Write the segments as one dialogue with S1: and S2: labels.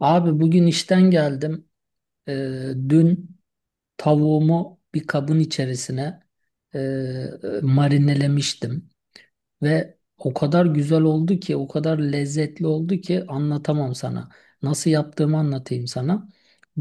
S1: Abi bugün işten geldim. Dün tavuğumu bir kabın içerisine marinelemiştim. Ve o kadar güzel oldu ki, o kadar lezzetli oldu ki anlatamam sana. Nasıl yaptığımı anlatayım sana.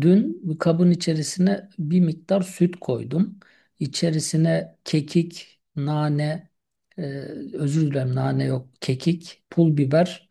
S1: Dün bir kabın içerisine bir miktar süt koydum. İçerisine kekik, nane, e, özür dilerim nane yok, kekik, pul biber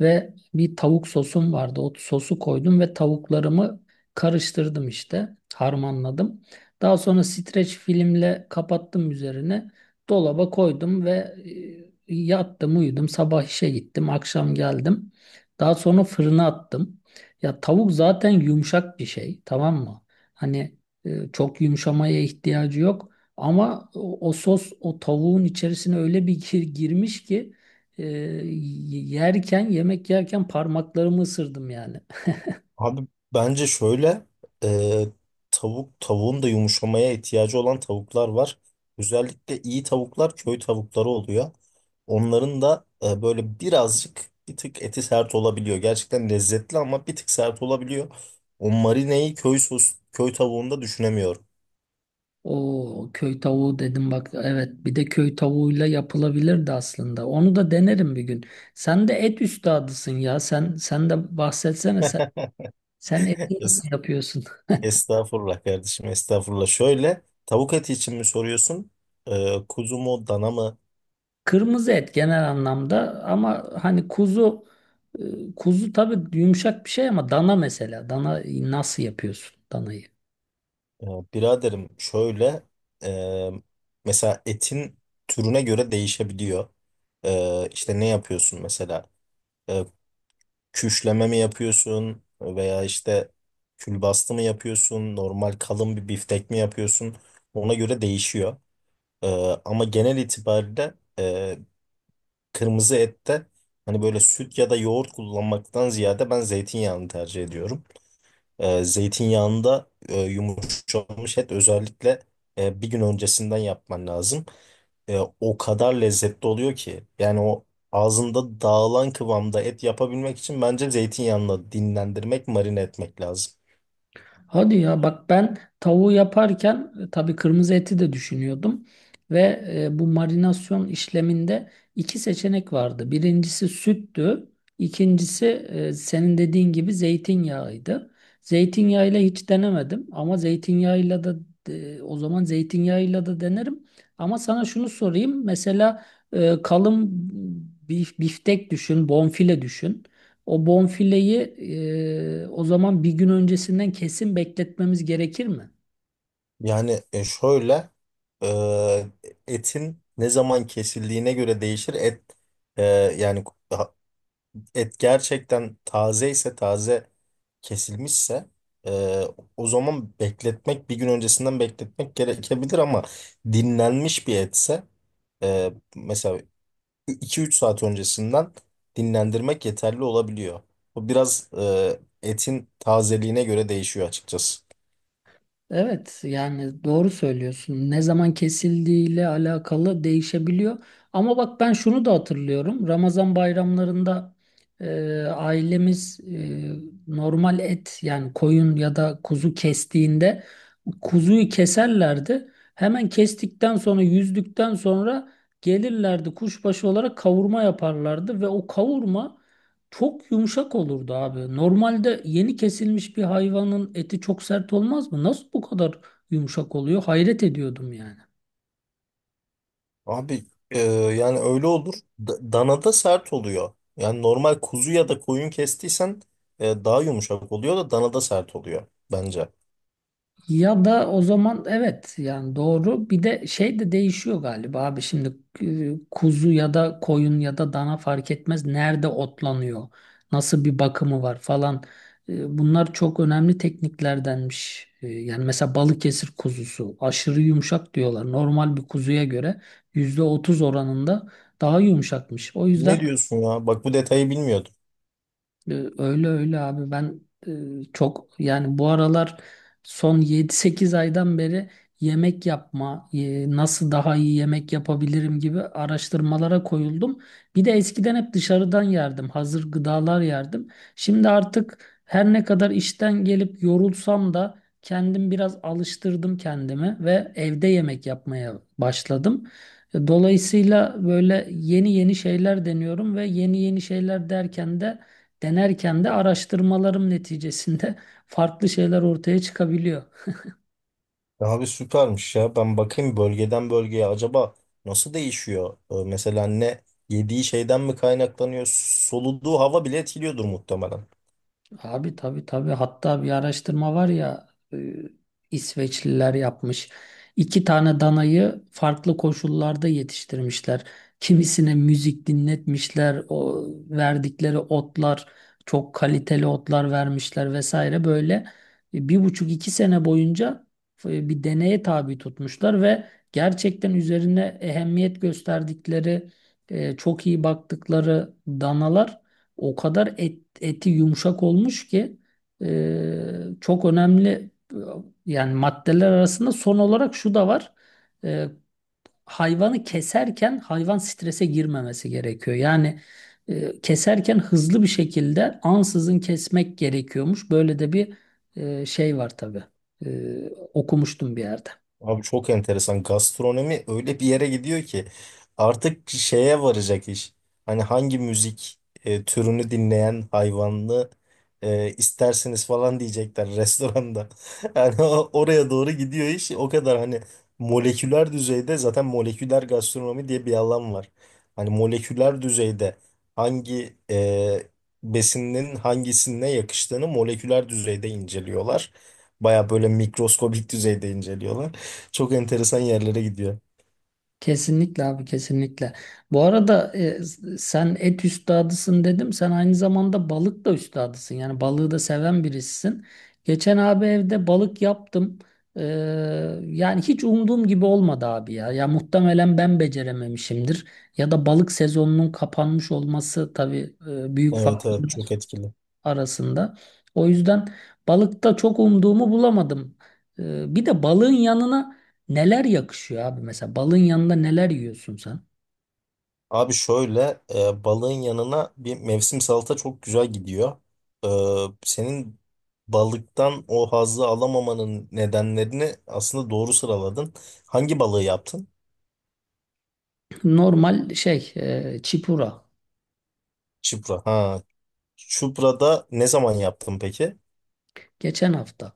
S1: ve bir tavuk sosum vardı. O sosu koydum ve tavuklarımı karıştırdım işte, harmanladım. Daha sonra streç filmle kapattım üzerine dolaba koydum ve e, yattım, uyudum, sabah işe gittim, akşam geldim. Daha sonra fırına attım. Ya tavuk zaten yumuşak bir şey, tamam mı? Hani çok yumuşamaya ihtiyacı yok. Ama o sos o tavuğun içerisine öyle bir girmiş ki, yerken, yemek yerken parmaklarımı ısırdım yani.
S2: Abi bence şöyle, e, tavuğun da yumuşamaya ihtiyacı olan tavuklar var. Özellikle iyi tavuklar köy tavukları oluyor. Onların da böyle birazcık bir tık eti sert olabiliyor. Gerçekten lezzetli ama bir tık sert olabiliyor. O marineyi köy tavuğunda düşünemiyorum.
S1: O köy tavuğu dedim bak, evet, bir de köy tavuğuyla yapılabilirdi aslında. Onu da denerim bir gün. Sen de et üstadısın ya. Sen de bahsetsene sen, sen eti
S2: Es-
S1: nasıl yapıyorsun?
S2: Estağfurullah kardeşim, estağfurullah. Şöyle, tavuk eti için mi soruyorsun? Kuzu mu, dana mı?
S1: Kırmızı et genel anlamda ama hani kuzu, e, kuzu tabii yumuşak bir şey ama dana, mesela dana nasıl yapıyorsun danayı?
S2: Ee, Biraderim, şöyle e, mesela etin türüne göre değişebiliyor. İşte ne yapıyorsun mesela? Ee, Küşleme mi yapıyorsun, veya işte külbastı mı yapıyorsun? Normal kalın bir biftek mi yapıyorsun? Ona göre değişiyor. Ee, Ama genel itibariyle kırmızı ette hani böyle süt ya da yoğurt kullanmaktan ziyade ben zeytinyağını tercih ediyorum. Zeytinyağında yumuşamış et özellikle bir gün öncesinden yapman lazım. O kadar lezzetli oluyor ki, yani o ağzında dağılan kıvamda et yapabilmek için bence zeytinyağını dinlendirmek, marine etmek lazım.
S1: Hadi ya, bak ben tavuğu yaparken tabii kırmızı eti de düşünüyordum ve bu marinasyon işleminde iki seçenek vardı. Birincisi süttü, ikincisi senin dediğin gibi zeytinyağıydı. Zeytinyağıyla hiç denemedim ama zeytinyağıyla da o zaman zeytinyağıyla da denerim. Ama sana şunu sorayım mesela, kalın biftek düşün, bonfile düşün. O bonfileyi o zaman bir gün öncesinden kesin bekletmemiz gerekir mi?
S2: Yani şöyle, e, etin ne zaman kesildiğine göre değişir. Et e, yani et gerçekten taze ise, taze kesilmişse e, o zaman bir gün öncesinden bekletmek gerekebilir, ama dinlenmiş bir etse mesela 2-3 saat öncesinden dinlendirmek yeterli olabiliyor. Bu biraz etin tazeliğine göre değişiyor açıkçası.
S1: Evet, yani doğru söylüyorsun. Ne zaman kesildiğiyle alakalı değişebiliyor. Ama bak ben şunu da hatırlıyorum. Ramazan bayramlarında ailemiz, normal et yani koyun ya da kuzu kestiğinde kuzuyu keserlerdi. Hemen kestikten sonra, yüzdükten sonra gelirlerdi kuşbaşı olarak kavurma yaparlardı ve o kavurma çok yumuşak olurdu abi. Normalde yeni kesilmiş bir hayvanın eti çok sert olmaz mı? Nasıl bu kadar yumuşak oluyor? Hayret ediyordum yani.
S2: Abi yani öyle olur. Danada sert oluyor. Yani normal kuzu ya da koyun kestiysen daha yumuşak oluyor da danada sert oluyor bence.
S1: Ya da o zaman, evet, yani doğru. Bir de şey de değişiyor galiba abi, şimdi kuzu ya da koyun ya da dana fark etmez, nerede otlanıyor, nasıl bir bakımı var falan. E, Bunlar çok önemli tekniklerdenmiş. E, Yani mesela Balıkesir kuzusu aşırı yumuşak diyorlar. Normal bir kuzuya göre %30 oranında daha yumuşakmış. O
S2: Ne
S1: yüzden
S2: diyorsun ya? Bak, bu detayı bilmiyordum.
S1: öyle öyle abi, ben çok yani bu aralar, son yedi sekiz aydan beri yemek yapma, nasıl daha iyi yemek yapabilirim gibi araştırmalara koyuldum. Bir de eskiden hep dışarıdan yerdim, hazır gıdalar yerdim. Şimdi artık her ne kadar işten gelip yorulsam da kendim biraz alıştırdım kendimi ve evde yemek yapmaya başladım. Dolayısıyla böyle yeni yeni şeyler deniyorum ve yeni yeni şeyler derken de, denerken de araştırmalarım neticesinde farklı şeyler ortaya çıkabiliyor.
S2: Ya abi, süpermiş ya. Ben bakayım, bölgeden bölgeye acaba nasıl değişiyor? Mesela ne yediği şeyden mi kaynaklanıyor? Soluduğu hava bile etkiliyordur muhtemelen.
S1: Abi tabii tabii, hatta bir araştırma var ya, e, İsveçliler yapmış. İki tane danayı farklı koşullarda yetiştirmişler. Kimisine müzik dinletmişler, o verdikleri otlar çok kaliteli otlar vermişler vesaire, böyle bir buçuk iki sene boyunca bir deneye tabi tutmuşlar ve gerçekten üzerine ehemmiyet gösterdikleri, çok iyi baktıkları danalar o kadar eti yumuşak olmuş ki, çok önemli e, yani maddeler arasında son olarak şu da var. E, hayvanı keserken hayvan strese girmemesi gerekiyor. Yani keserken hızlı bir şekilde ansızın kesmek gerekiyormuş. Böyle de bir şey var tabii. E, okumuştum bir yerde.
S2: Abi, çok enteresan. Gastronomi öyle bir yere gidiyor ki artık şeye varacak iş. Hani hangi müzik türünü dinleyen hayvanlı isterseniz falan diyecekler restoranda. Yani oraya doğru gidiyor iş. O kadar hani moleküler düzeyde, zaten moleküler gastronomi diye bir alan var. Hani moleküler düzeyde hangi besinin hangisine yakıştığını moleküler düzeyde inceliyorlar. Baya böyle mikroskobik düzeyde inceliyorlar. Çok enteresan yerlere gidiyor.
S1: Kesinlikle abi, kesinlikle. Bu arada sen et üstadısın dedim. Sen aynı zamanda balık da üstadısın. Yani balığı da seven birisisin. Geçen abi evde balık yaptım. Ee, Yani hiç umduğum gibi olmadı abi ya. Ya muhtemelen ben becerememişimdir. Ya da balık sezonunun kapanmış olması tabii, büyük
S2: Evet, evet,
S1: faktör
S2: çok etkili.
S1: arasında. O yüzden balıkta çok umduğumu bulamadım. Bir de balığın yanına neler yakışıyor abi? Mesela balığın yanında neler yiyorsun sen?
S2: Abi şöyle, balığın yanına bir mevsim salata çok güzel gidiyor. E, Senin balıktan o hazzı alamamanın nedenlerini aslında doğru sıraladın. Hangi balığı yaptın?
S1: Normal şey, çipura.
S2: Çupra. Ha, çuprada ne zaman yaptın peki?
S1: Geçen hafta.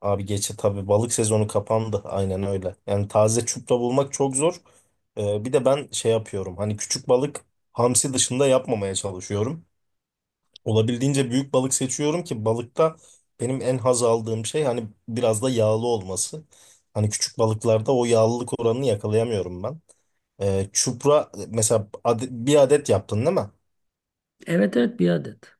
S2: Abi geçe, tabii balık sezonu kapandı, aynen öyle. Yani taze çupra bulmak çok zor. E, bir de ben şey yapıyorum. Hani küçük balık, hamsi dışında yapmamaya çalışıyorum. Olabildiğince büyük balık seçiyorum ki, balıkta benim en haz aldığım şey hani biraz da yağlı olması. Hani küçük balıklarda o yağlılık oranını yakalayamıyorum ben. Çupra mesela, bir adet yaptın değil mi?
S1: Evet, evet, bir adet.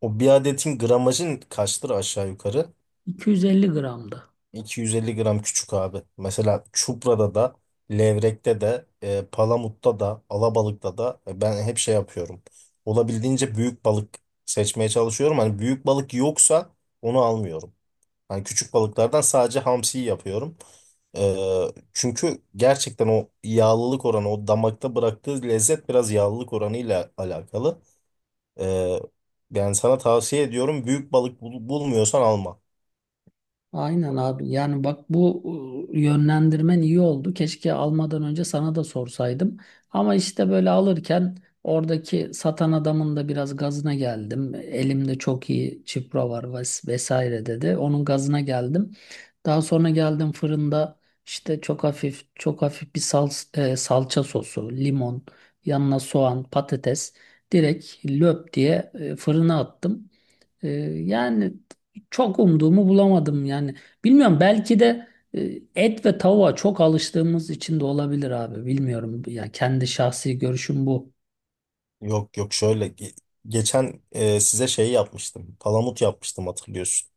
S2: O bir adetin gramajın kaçtır aşağı yukarı?
S1: 250 gramdı.
S2: 250 gram küçük abi. Mesela çuprada da, levrekte de, palamutta da, alabalıkta da, ben hep şey yapıyorum. Olabildiğince büyük balık seçmeye çalışıyorum. Hani büyük balık yoksa onu almıyorum. Yani küçük balıklardan sadece hamsiyi yapıyorum. Ee, Çünkü gerçekten o yağlılık oranı, o damakta bıraktığı lezzet biraz yağlılık oranıyla alakalı. Ee, Yani sana tavsiye ediyorum, büyük balık bulmuyorsan alma.
S1: Aynen abi. Yani bak, bu yönlendirmen iyi oldu. Keşke almadan önce sana da sorsaydım. Ama işte böyle alırken oradaki satan adamın da biraz gazına geldim. Elimde çok iyi çipro var vesaire dedi. Onun gazına geldim. Daha sonra geldim fırında işte çok hafif çok hafif bir salça sosu, limon, yanına soğan, patates direkt löp diye fırına attım. Ee, Yani çok umduğumu bulamadım yani. Bilmiyorum, belki de e, et ve tavuğa çok alıştığımız için de olabilir abi. Bilmiyorum. Yani kendi şahsi görüşüm bu.
S2: Yok, yok, şöyle, geçen size şey yapmıştım. Palamut yapmıştım, hatırlıyorsun.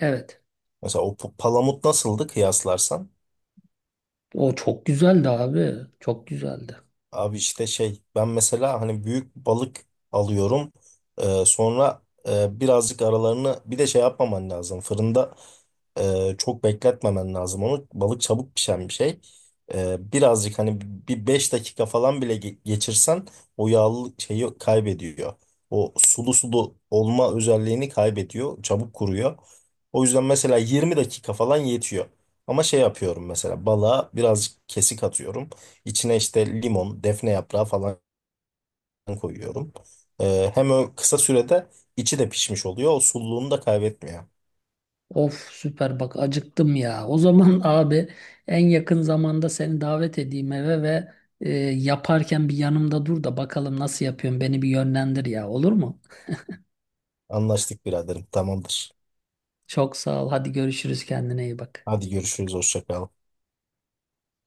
S1: Evet.
S2: Mesela o palamut nasıldı kıyaslarsan?
S1: O çok güzeldi abi. Çok güzeldi.
S2: Abi işte şey, ben mesela hani büyük balık alıyorum. Sonra birazcık aralarını bir de şey yapmaman lazım. Fırında çok bekletmemen lazım onu. Balık çabuk pişen bir şey. Birazcık hani bir 5 dakika falan bile geçirsen o yağlı şeyi kaybediyor. O sulu sulu olma özelliğini kaybediyor. Çabuk kuruyor. O yüzden mesela 20 dakika falan yetiyor. Ama şey yapıyorum, mesela balığa birazcık kesik atıyorum. İçine işte limon, defne yaprağı falan koyuyorum. Hem o kısa sürede içi de pişmiş oluyor, o sululuğunu da kaybetmiyor.
S1: Of süper, bak acıktım ya. O zaman abi en yakın zamanda seni davet edeyim eve ve, yaparken bir yanımda dur da bakalım nasıl yapıyorsun, beni bir yönlendir ya, olur mu?
S2: Anlaştık biraderim. Tamamdır.
S1: Çok sağ ol. Hadi görüşürüz. Kendine iyi bak.
S2: Hadi görüşürüz. Hoşça kal.